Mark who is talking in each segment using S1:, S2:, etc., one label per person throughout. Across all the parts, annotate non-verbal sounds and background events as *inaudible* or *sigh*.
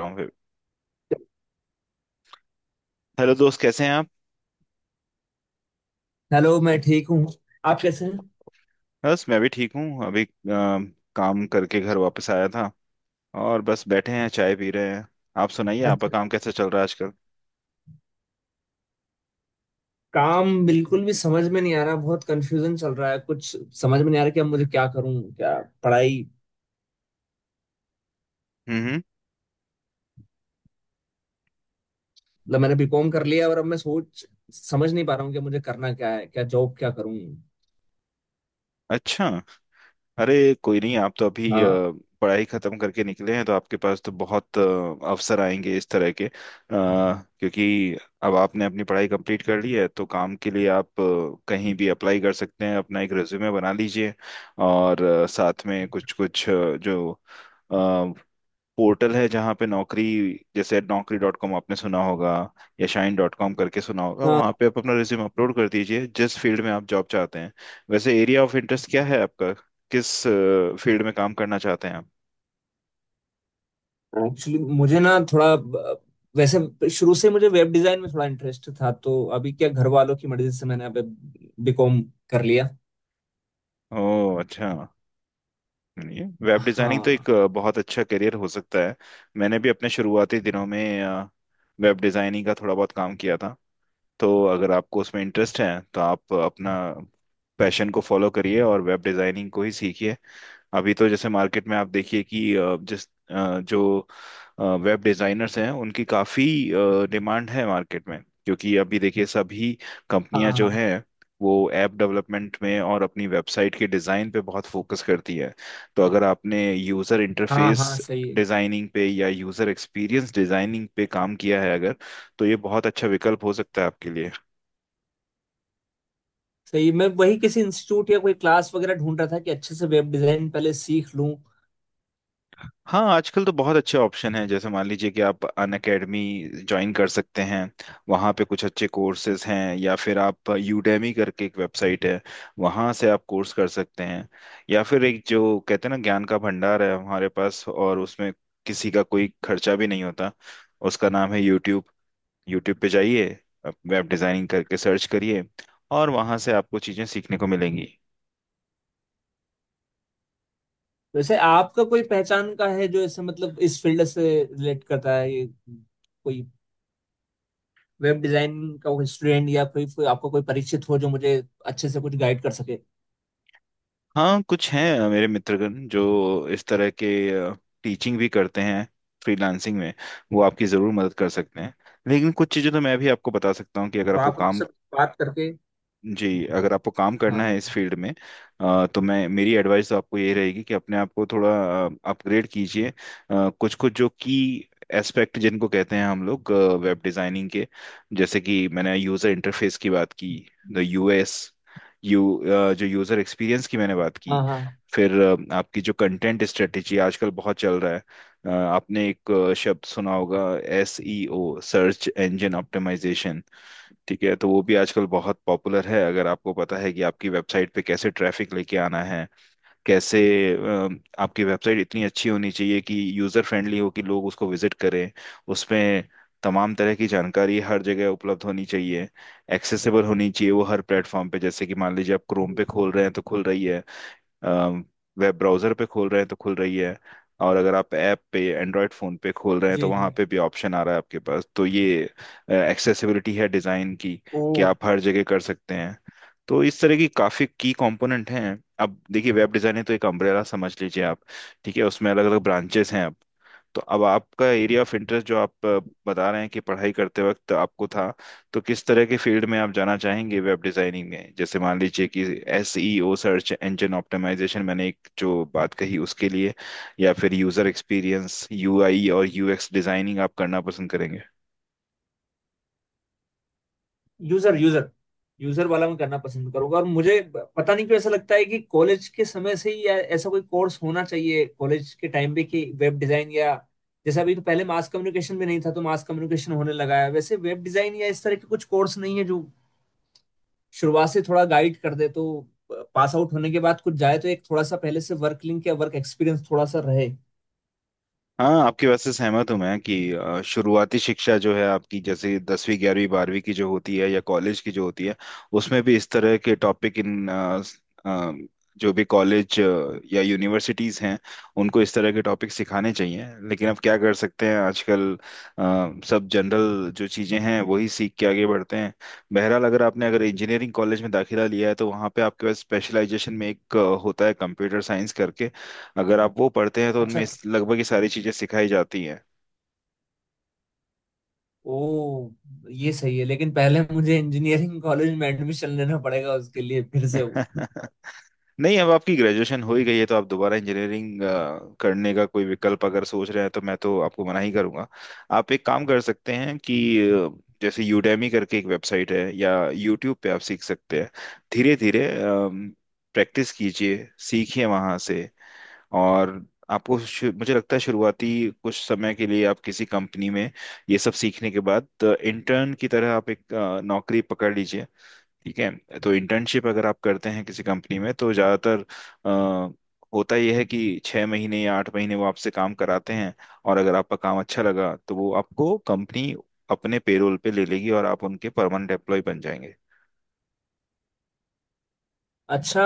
S1: होंगे। हेलो दोस्त, कैसे हैं आप?
S2: हेलो, मैं ठीक हूँ। आप कैसे हैं।
S1: बस मैं भी ठीक हूँ। अभी काम करके घर वापस आया था। और बस बैठे हैं, चाय पी रहे हैं। आप सुनाइए, आपका
S2: अच्छा,
S1: काम कैसा चल रहा है आजकल?
S2: काम बिल्कुल भी समझ में नहीं आ रहा, बहुत कंफ्यूजन चल रहा है। कुछ समझ में नहीं आ रहा कि अब मुझे क्या करूँ, क्या पढ़ाई।
S1: हम्म हम्म।
S2: मतलब मैंने बीकॉम कर लिया और अब मैं सोच समझ नहीं पा रहा हूँ कि मुझे करना क्या है, क्या जॉब, क्या करूँ।
S1: अच्छा। अरे कोई नहीं, आप तो अभी
S2: हाँ।
S1: पढ़ाई खत्म करके निकले हैं तो आपके पास तो बहुत अवसर आएंगे इस तरह के। क्योंकि अब आपने अपनी पढ़ाई कंप्लीट कर ली है तो काम के लिए आप कहीं भी अप्लाई कर सकते हैं, अपना एक रिज्यूमे बना लीजिए। और साथ में कुछ कुछ जो पोर्टल है जहाँ पे नौकरी, जैसे naukri.com आपने सुना होगा या shine.com करके सुना होगा,
S2: हाँ,
S1: वहाँ पे आप अपना रिज्यूम अपलोड कर दीजिए जिस फील्ड में आप जॉब चाहते हैं। वैसे एरिया ऑफ इंटरेस्ट क्या है आपका, किस फील्ड में काम करना चाहते हैं आप?
S2: एक्चुअली मुझे ना थोड़ा वैसे शुरू से मुझे वेब डिजाइन में थोड़ा इंटरेस्ट था, तो अभी क्या, घर वालों की मर्जी से मैंने अब बीकॉम कर लिया।
S1: ओह अच्छा। ये वेब डिजाइनिंग तो एक
S2: हाँ।
S1: बहुत अच्छा करियर हो सकता है। मैंने भी अपने शुरुआती दिनों में वेब डिजाइनिंग का थोड़ा बहुत काम किया था। तो अगर आपको उसमें इंटरेस्ट है तो आप अपना पैशन को फॉलो करिए और वेब डिजाइनिंग को ही सीखिए। अभी तो जैसे मार्केट में आप देखिए कि जो वेब डिजाइनर्स हैं उनकी काफी डिमांड है मार्केट में, क्योंकि अभी देखिए सभी कंपनियां जो
S2: हाँ
S1: हैं वो ऐप डेवलपमेंट में और अपनी वेबसाइट के डिजाइन पे बहुत फोकस करती है। तो अगर आपने यूजर
S2: हाँ
S1: इंटरफेस
S2: हाँ सही है।
S1: डिजाइनिंग पे या यूजर एक्सपीरियंस डिजाइनिंग पे काम किया है अगर, तो ये बहुत अच्छा विकल्प हो सकता है आपके लिए।
S2: सही, मैं वही किसी इंस्टीट्यूट या कोई क्लास वगैरह ढूंढ रहा था कि अच्छे से वेब डिजाइन पहले सीख लूं।
S1: हाँ, आजकल तो बहुत अच्छे ऑप्शन हैं। जैसे मान लीजिए कि आप अन अकेडमी ज्वाइन कर सकते हैं, वहाँ पे कुछ अच्छे कोर्सेज हैं। या फिर आप यूडेमी करके एक वेबसाइट है, वहाँ से आप कोर्स कर सकते हैं। या फिर एक, जो कहते हैं ना ज्ञान का भंडार है हमारे पास और उसमें किसी का कोई खर्चा भी नहीं होता, उसका नाम है यूट्यूब। यूट्यूब पे जाइए, वेब डिज़ाइनिंग करके सर्च करिए और वहाँ से आपको चीज़ें सीखने को मिलेंगी।
S2: वैसे आपका कोई पहचान का है जो ऐसे मतलब इस फील्ड से रिलेट करता है? ये कोई वेब डिजाइन का कोई स्टूडेंट या कोई आपका कोई परिचित हो जो मुझे अच्छे से कुछ गाइड कर सके,
S1: हाँ कुछ हैं मेरे मित्रगण जो इस तरह के टीचिंग भी करते हैं फ्रीलांसिंग में, वो आपकी ज़रूर मदद कर सकते हैं। लेकिन कुछ चीज़ें तो मैं भी आपको बता सकता हूँ कि अगर
S2: तो
S1: आपको
S2: आप
S1: काम।
S2: उनसे बात करके।
S1: जी, अगर आपको काम करना है
S2: हाँ
S1: इस फील्ड में, तो मैं, मेरी एडवाइस तो आपको ये रहेगी कि अपने आप को थोड़ा अपग्रेड कीजिए। कुछ कुछ जो की एस्पेक्ट जिनको कहते हैं हम लोग वेब डिजाइनिंग के। जैसे कि मैंने यूजर इंटरफेस की बात की। द यूएस यू जो यूजर एक्सपीरियंस की मैंने बात
S2: हाँ
S1: की।
S2: हाँ हाँ।
S1: फिर आपकी जो कंटेंट स्ट्रेटेजी आजकल बहुत चल रहा है। आपने एक शब्द सुना होगा, एसईओ, सर्च इंजन ऑप्टिमाइजेशन। ठीक है, तो वो भी आजकल बहुत पॉपुलर है। अगर आपको पता है कि आपकी वेबसाइट पे कैसे ट्रैफिक लेके आना है, कैसे अ, आपकी वेबसाइट इतनी अच्छी होनी चाहिए कि यूजर फ्रेंडली हो कि लोग उसको विजिट करें, उसमें तमाम तरह की जानकारी हर जगह उपलब्ध होनी चाहिए, एक्सेसिबल होनी चाहिए वो हर प्लेटफॉर्म पे। जैसे कि मान लीजिए आप क्रोम पे खोल रहे हैं तो खुल रही है, वेब ब्राउजर पे खोल रहे हैं तो खुल रही है, और अगर आप ऐप पे, एंड्रॉयड फ़ोन पे खोल रहे हैं तो
S2: जी, जी।
S1: वहाँ पे भी ऑप्शन आ रहा है आपके पास। तो ये एक्सेसिबिलिटी है डिज़ाइन की,
S2: ओ।
S1: कि आप हर जगह कर सकते हैं। तो इस तरह की काफ़ी की कंपोनेंट हैं। अब देखिए वेब डिज़ाइन है तो एक अम्ब्रेला समझ लीजिए आप, ठीक है? उसमें अलग अलग ब्रांचेस हैं अब। तो अब आपका एरिया ऑफ इंटरेस्ट जो आप बता रहे हैं कि पढ़ाई करते वक्त आपको था, तो किस तरह के फील्ड में आप जाना चाहेंगे वेब डिजाइनिंग में? जैसे मान लीजिए कि एसईओ, सर्च इंजन ऑप्टिमाइजेशन मैंने एक जो बात कही उसके लिए, या फिर यूजर एक्सपीरियंस, यूआई और यूएक्स डिजाइनिंग आप करना पसंद करेंगे?
S2: यूजर यूजर यूजर वाला मैं करना पसंद करूंगा। और मुझे पता नहीं क्यों ऐसा लगता है कि कॉलेज के समय से ही ऐसा कोई कोर्स होना चाहिए कॉलेज के टाइम पे कि वेब डिजाइन या जैसा अभी, तो पहले मास कम्युनिकेशन भी नहीं था तो मास कम्युनिकेशन होने लगा है। वैसे वेब डिजाइन या इस तरह के कुछ कोर्स नहीं है जो शुरुआत से थोड़ा गाइड कर दे, तो पास आउट होने के बाद कुछ जाए तो एक थोड़ा सा पहले से वर्क लिंक या वर्क एक्सपीरियंस थोड़ा सा रहे।
S1: हाँ आपकी बात से सहमत हूँ मैं, कि शुरुआती शिक्षा जो है आपकी जैसे 10वीं 11वीं 12वीं की जो होती है या कॉलेज की जो होती है, उसमें भी इस तरह के टॉपिक इन अ, स- अ, जो भी कॉलेज या यूनिवर्सिटीज़ हैं उनको इस तरह के टॉपिक सिखाने चाहिए। लेकिन अब क्या कर सकते हैं, आजकल सब जनरल जो चीज़ें हैं वही सीख के आगे बढ़ते हैं। बहरहाल अगर आपने अगर इंजीनियरिंग कॉलेज में दाखिला लिया है तो वहाँ पे आपके पास स्पेशलाइजेशन में एक होता है, कंप्यूटर साइंस करके। अगर आप वो पढ़ते हैं तो
S2: अच्छा
S1: उनमें
S2: अच्छा।
S1: लगभग ये सारी चीजें सिखाई जाती हैं।
S2: ओ, ये सही है, लेकिन पहले मुझे इंजीनियरिंग कॉलेज में एडमिशन लेना पड़ेगा उसके लिए फिर से वो।
S1: *laughs* नहीं अब आपकी ग्रेजुएशन हो ही गई है तो आप दोबारा इंजीनियरिंग करने का कोई विकल्प अगर सोच रहे हैं तो मैं तो आपको मना ही करूंगा। आप एक काम कर सकते हैं कि अ, जैसे यूडेमी करके एक वेबसाइट है या यूट्यूब पे आप सीख सकते हैं धीरे धीरे, प्रैक्टिस कीजिए, सीखिए वहां से। और आपको मुझे लगता है शुरुआती कुछ समय के लिए आप किसी कंपनी में ये सब सीखने के बाद इंटर्न की तरह आप एक नौकरी पकड़ लीजिए। ठीक है? तो इंटर्नशिप अगर आप करते हैं किसी कंपनी में तो ज़्यादातर अ, होता यह है कि 6 महीने या 8 महीने वो आपसे काम कराते हैं, और अगर आपका काम अच्छा लगा तो वो आपको कंपनी अपने पेरोल पे ले लेगी और आप उनके परमानेंट एम्प्लॉय बन जाएंगे।
S2: अच्छा,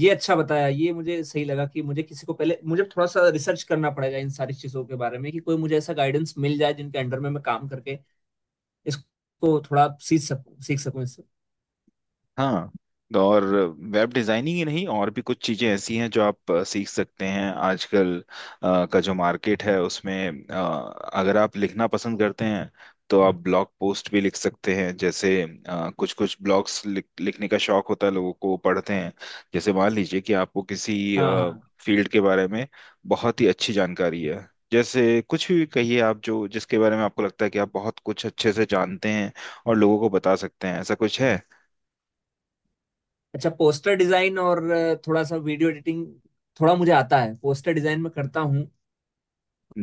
S2: ये अच्छा बताया, ये मुझे सही लगा कि मुझे किसी को, पहले मुझे थोड़ा सा रिसर्च करना पड़ेगा इन सारी चीजों के बारे में कि कोई मुझे ऐसा गाइडेंस मिल जाए जिनके अंडर में मैं काम करके इसको थोड़ा सीख सकूं, सीख सकूं इससे।
S1: हाँ। और वेब डिजाइनिंग ही नहीं, और भी कुछ चीजें ऐसी हैं जो आप सीख सकते हैं आजकल। का जो मार्केट है उसमें, अगर आप लिखना पसंद करते हैं तो आप ब्लॉग पोस्ट भी लिख सकते हैं। जैसे कुछ कुछ ब्लॉग्स लिखने का शौक होता है लोगों को, वो पढ़ते हैं। जैसे मान लीजिए कि आपको किसी
S2: हाँ, हाँ।
S1: फील्ड के बारे में बहुत ही अच्छी जानकारी है, जैसे कुछ भी कहिए आप, जो जिसके बारे में आपको लगता है कि आप बहुत कुछ अच्छे से जानते हैं और लोगों को बता सकते हैं, ऐसा कुछ है?
S2: अच्छा, पोस्टर डिजाइन और थोड़ा सा वीडियो एडिटिंग थोड़ा मुझे आता है। पोस्टर डिजाइन में करता हूँ।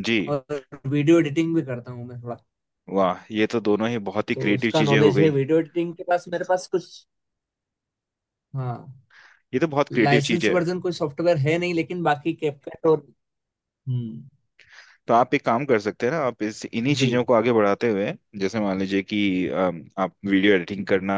S1: जी।
S2: और वीडियो एडिटिंग भी करता हूँ मैं थोड़ा।
S1: वाह ये तो दोनों ही बहुत ही
S2: तो
S1: क्रिएटिव
S2: उसका
S1: चीजें हो
S2: नॉलेज है,
S1: गई।
S2: वीडियो एडिटिंग के पास मेरे पास कुछ। हाँ,
S1: ये तो बहुत क्रिएटिव
S2: लाइसेंस
S1: चीजें हैं।
S2: वर्जन कोई सॉफ्टवेयर है नहीं, लेकिन बाकी कैपकट और। हम्म।
S1: तो आप एक काम कर सकते हैं ना, आप इस इन्हीं चीजों
S2: जी
S1: को आगे बढ़ाते हुए, जैसे मान लीजिए कि आप वीडियो एडिटिंग करना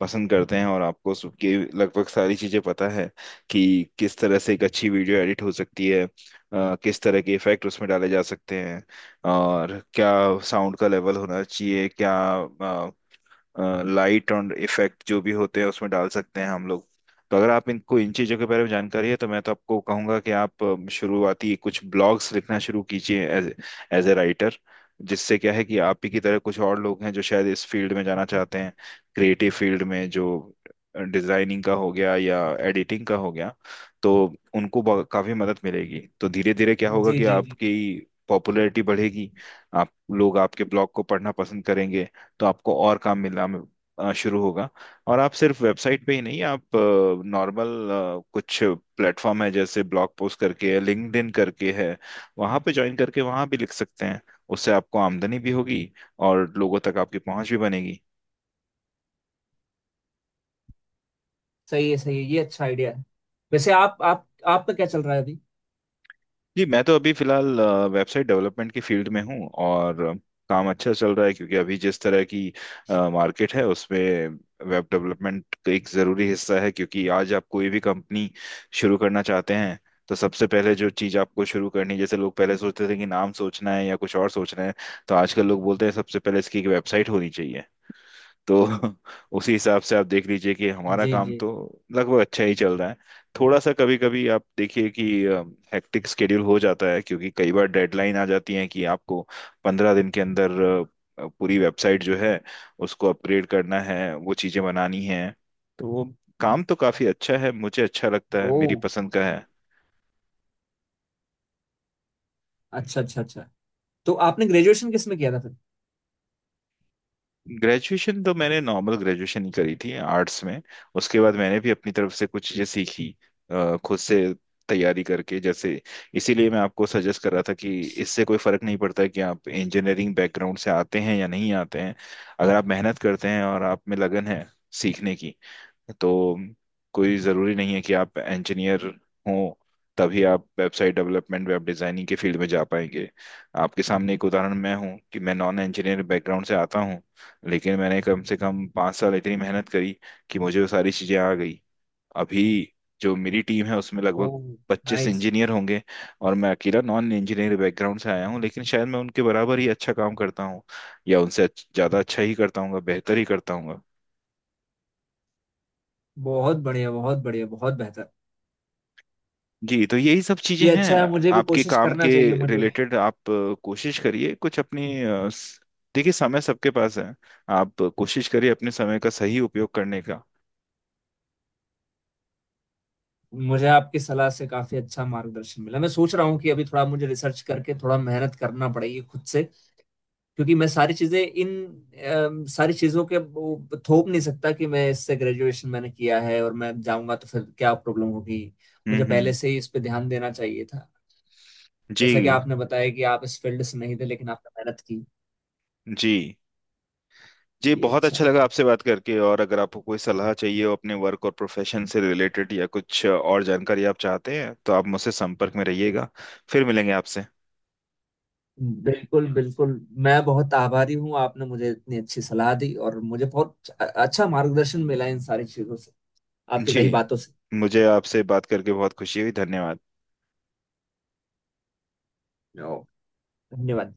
S1: पसंद करते हैं और आपको सबकी लगभग सारी चीजें पता है कि किस तरह से एक अच्छी वीडियो एडिट हो सकती है, किस तरह के इफेक्ट उसमें डाले जा सकते हैं, और क्या साउंड का लेवल होना चाहिए, क्या लाइट और इफेक्ट जो भी होते हैं उसमें डाल सकते हैं हम लोग। तो अगर आप इनको, इन चीज़ों के बारे में जानकारी है तो मैं तो आपको कहूंगा कि आप शुरुआती कुछ ब्लॉग्स लिखना शुरू कीजिए, एज एज ए राइटर। जिससे क्या है कि आप ही की तरह कुछ और लोग हैं जो शायद इस फील्ड में जाना चाहते हैं, क्रिएटिव फील्ड में, जो डिजाइनिंग का हो गया या एडिटिंग का हो गया। तो उनको काफी मदद मिलेगी। तो धीरे धीरे क्या होगा
S2: जी
S1: कि
S2: जी जी।
S1: आपकी पॉपुलैरिटी बढ़ेगी, आप, लोग आपके ब्लॉग को पढ़ना पसंद करेंगे, तो आपको और काम मिलना शुरू होगा। और आप सिर्फ वेबसाइट पे ही नहीं, आप नॉर्मल कुछ प्लेटफॉर्म है जैसे ब्लॉग पोस्ट करके है, लिंक्डइन करके है, वहां पे ज्वाइन करके वहां भी लिख सकते हैं। उससे आपको आमदनी भी होगी और लोगों तक आपकी पहुंच भी बनेगी।
S2: सही है, सही है, ये अच्छा आइडिया है। वैसे आप आपका क्या चल रहा है अभी?
S1: जी मैं तो अभी फिलहाल वेबसाइट डेवलपमेंट की फील्ड में हूँ और काम अच्छा चल रहा है, क्योंकि अभी जिस तरह की मार्केट है उसमें वेब डेवलपमेंट का एक ज़रूरी हिस्सा है। क्योंकि आज आप कोई भी कंपनी शुरू करना चाहते हैं तो सबसे पहले जो चीज़ आपको शुरू करनी, जैसे लोग पहले सोचते थे कि नाम सोचना है या कुछ और सोचना है, तो आजकल लोग बोलते हैं सबसे पहले इसकी एक वेबसाइट होनी चाहिए। तो *laughs* उसी हिसाब से आप देख लीजिए कि हमारा
S2: जी,
S1: काम
S2: जी।
S1: तो लगभग अच्छा ही चल रहा है। थोड़ा सा कभी कभी आप देखिए कि हेक्टिक स्केड्यूल हो जाता है क्योंकि कई बार डेडलाइन आ जाती है कि आपको 15 दिन के अंदर पूरी वेबसाइट जो है उसको अपग्रेड करना है, वो चीजें बनानी है। तो वो काम तो काफी अच्छा है, मुझे अच्छा लगता है,
S2: ओ,
S1: मेरी पसंद का है।
S2: अच्छा अच्छा अच्छा। तो आपने ग्रेजुएशन किस में किया था फिर?
S1: ग्रेजुएशन तो मैंने नॉर्मल ग्रेजुएशन ही करी थी, आर्ट्स में। उसके बाद मैंने भी अपनी तरफ से कुछ चीजें सीखी खुद से तैयारी करके। जैसे इसीलिए मैं आपको सजेस्ट कर रहा था कि इससे कोई फर्क नहीं पड़ता कि आप इंजीनियरिंग बैकग्राउंड से आते हैं या नहीं आते हैं। अगर आप मेहनत करते हैं और आप में लगन है सीखने की, तो कोई ज़रूरी नहीं है कि आप इंजीनियर हो तभी आप वेबसाइट डेवलपमेंट, वेब डिज़ाइनिंग के फील्ड में जा पाएंगे। आपके सामने एक उदाहरण मैं हूँ कि मैं नॉन इंजीनियर बैकग्राउंड से आता हूँ, लेकिन मैंने कम से कम 5 साल इतनी मेहनत करी कि मुझे वो सारी चीज़ें आ गई। अभी जो मेरी टीम है उसमें
S2: ओ।
S1: लगभग 25
S2: नाइस।
S1: इंजीनियर होंगे, और मैं अकेला नॉन इंजीनियर बैकग्राउंड से आया हूँ, लेकिन शायद मैं उनके बराबर ही अच्छा काम करता हूँ, या उनसे ज़्यादा अच्छा ही करता हूँ, बेहतर ही करता हूँ।
S2: बहुत बढ़िया, बहुत बढ़िया, बहुत बेहतर।
S1: जी, तो यही सब चीजें
S2: ये
S1: हैं।
S2: अच्छा है, मुझे भी
S1: आपके
S2: कोशिश
S1: काम के
S2: करना चाहिए मुझे।
S1: रिलेटेड आप कोशिश करिए कुछ अपनी देखिए समय सबके पास है, आप कोशिश करिए अपने समय का सही उपयोग करने का।
S2: मुझे आपकी सलाह से काफी अच्छा मार्गदर्शन मिला, मैं सोच रहा हूँ कि अभी थोड़ा मुझे रिसर्च करके थोड़ा मेहनत करना पड़ेगी खुद से। क्योंकि मैं सारी चीजें इन सारी चीजों के वो थोप नहीं सकता कि मैं इससे ग्रेजुएशन मैंने किया है और मैं जाऊंगा, तो फिर क्या प्रॉब्लम होगी। मुझे पहले
S1: हम्म।
S2: से ही इस पे ध्यान देना चाहिए था। जैसा कि
S1: जी
S2: आपने बताया कि आप इस फील्ड से नहीं थे, लेकिन आपने मेहनत की।
S1: जी। जी
S2: ये
S1: बहुत
S2: अच्छा
S1: अच्छा
S2: है।
S1: लगा आपसे बात करके, और अगर आपको कोई सलाह चाहिए हो अपने वर्क और प्रोफेशन से रिलेटेड या कुछ और जानकारी आप चाहते हैं तो आप मुझसे संपर्क में रहिएगा। फिर मिलेंगे आपसे।
S2: बिल्कुल, बिल्कुल। मैं बहुत आभारी हूँ, आपने मुझे इतनी अच्छी सलाह दी और मुझे बहुत अच्छा मार्गदर्शन मिला इन सारी चीजों से, आपकी
S1: जी
S2: कई बातों से।
S1: मुझे आपसे बात करके बहुत खुशी हुई। धन्यवाद।
S2: ओ, धन्यवाद।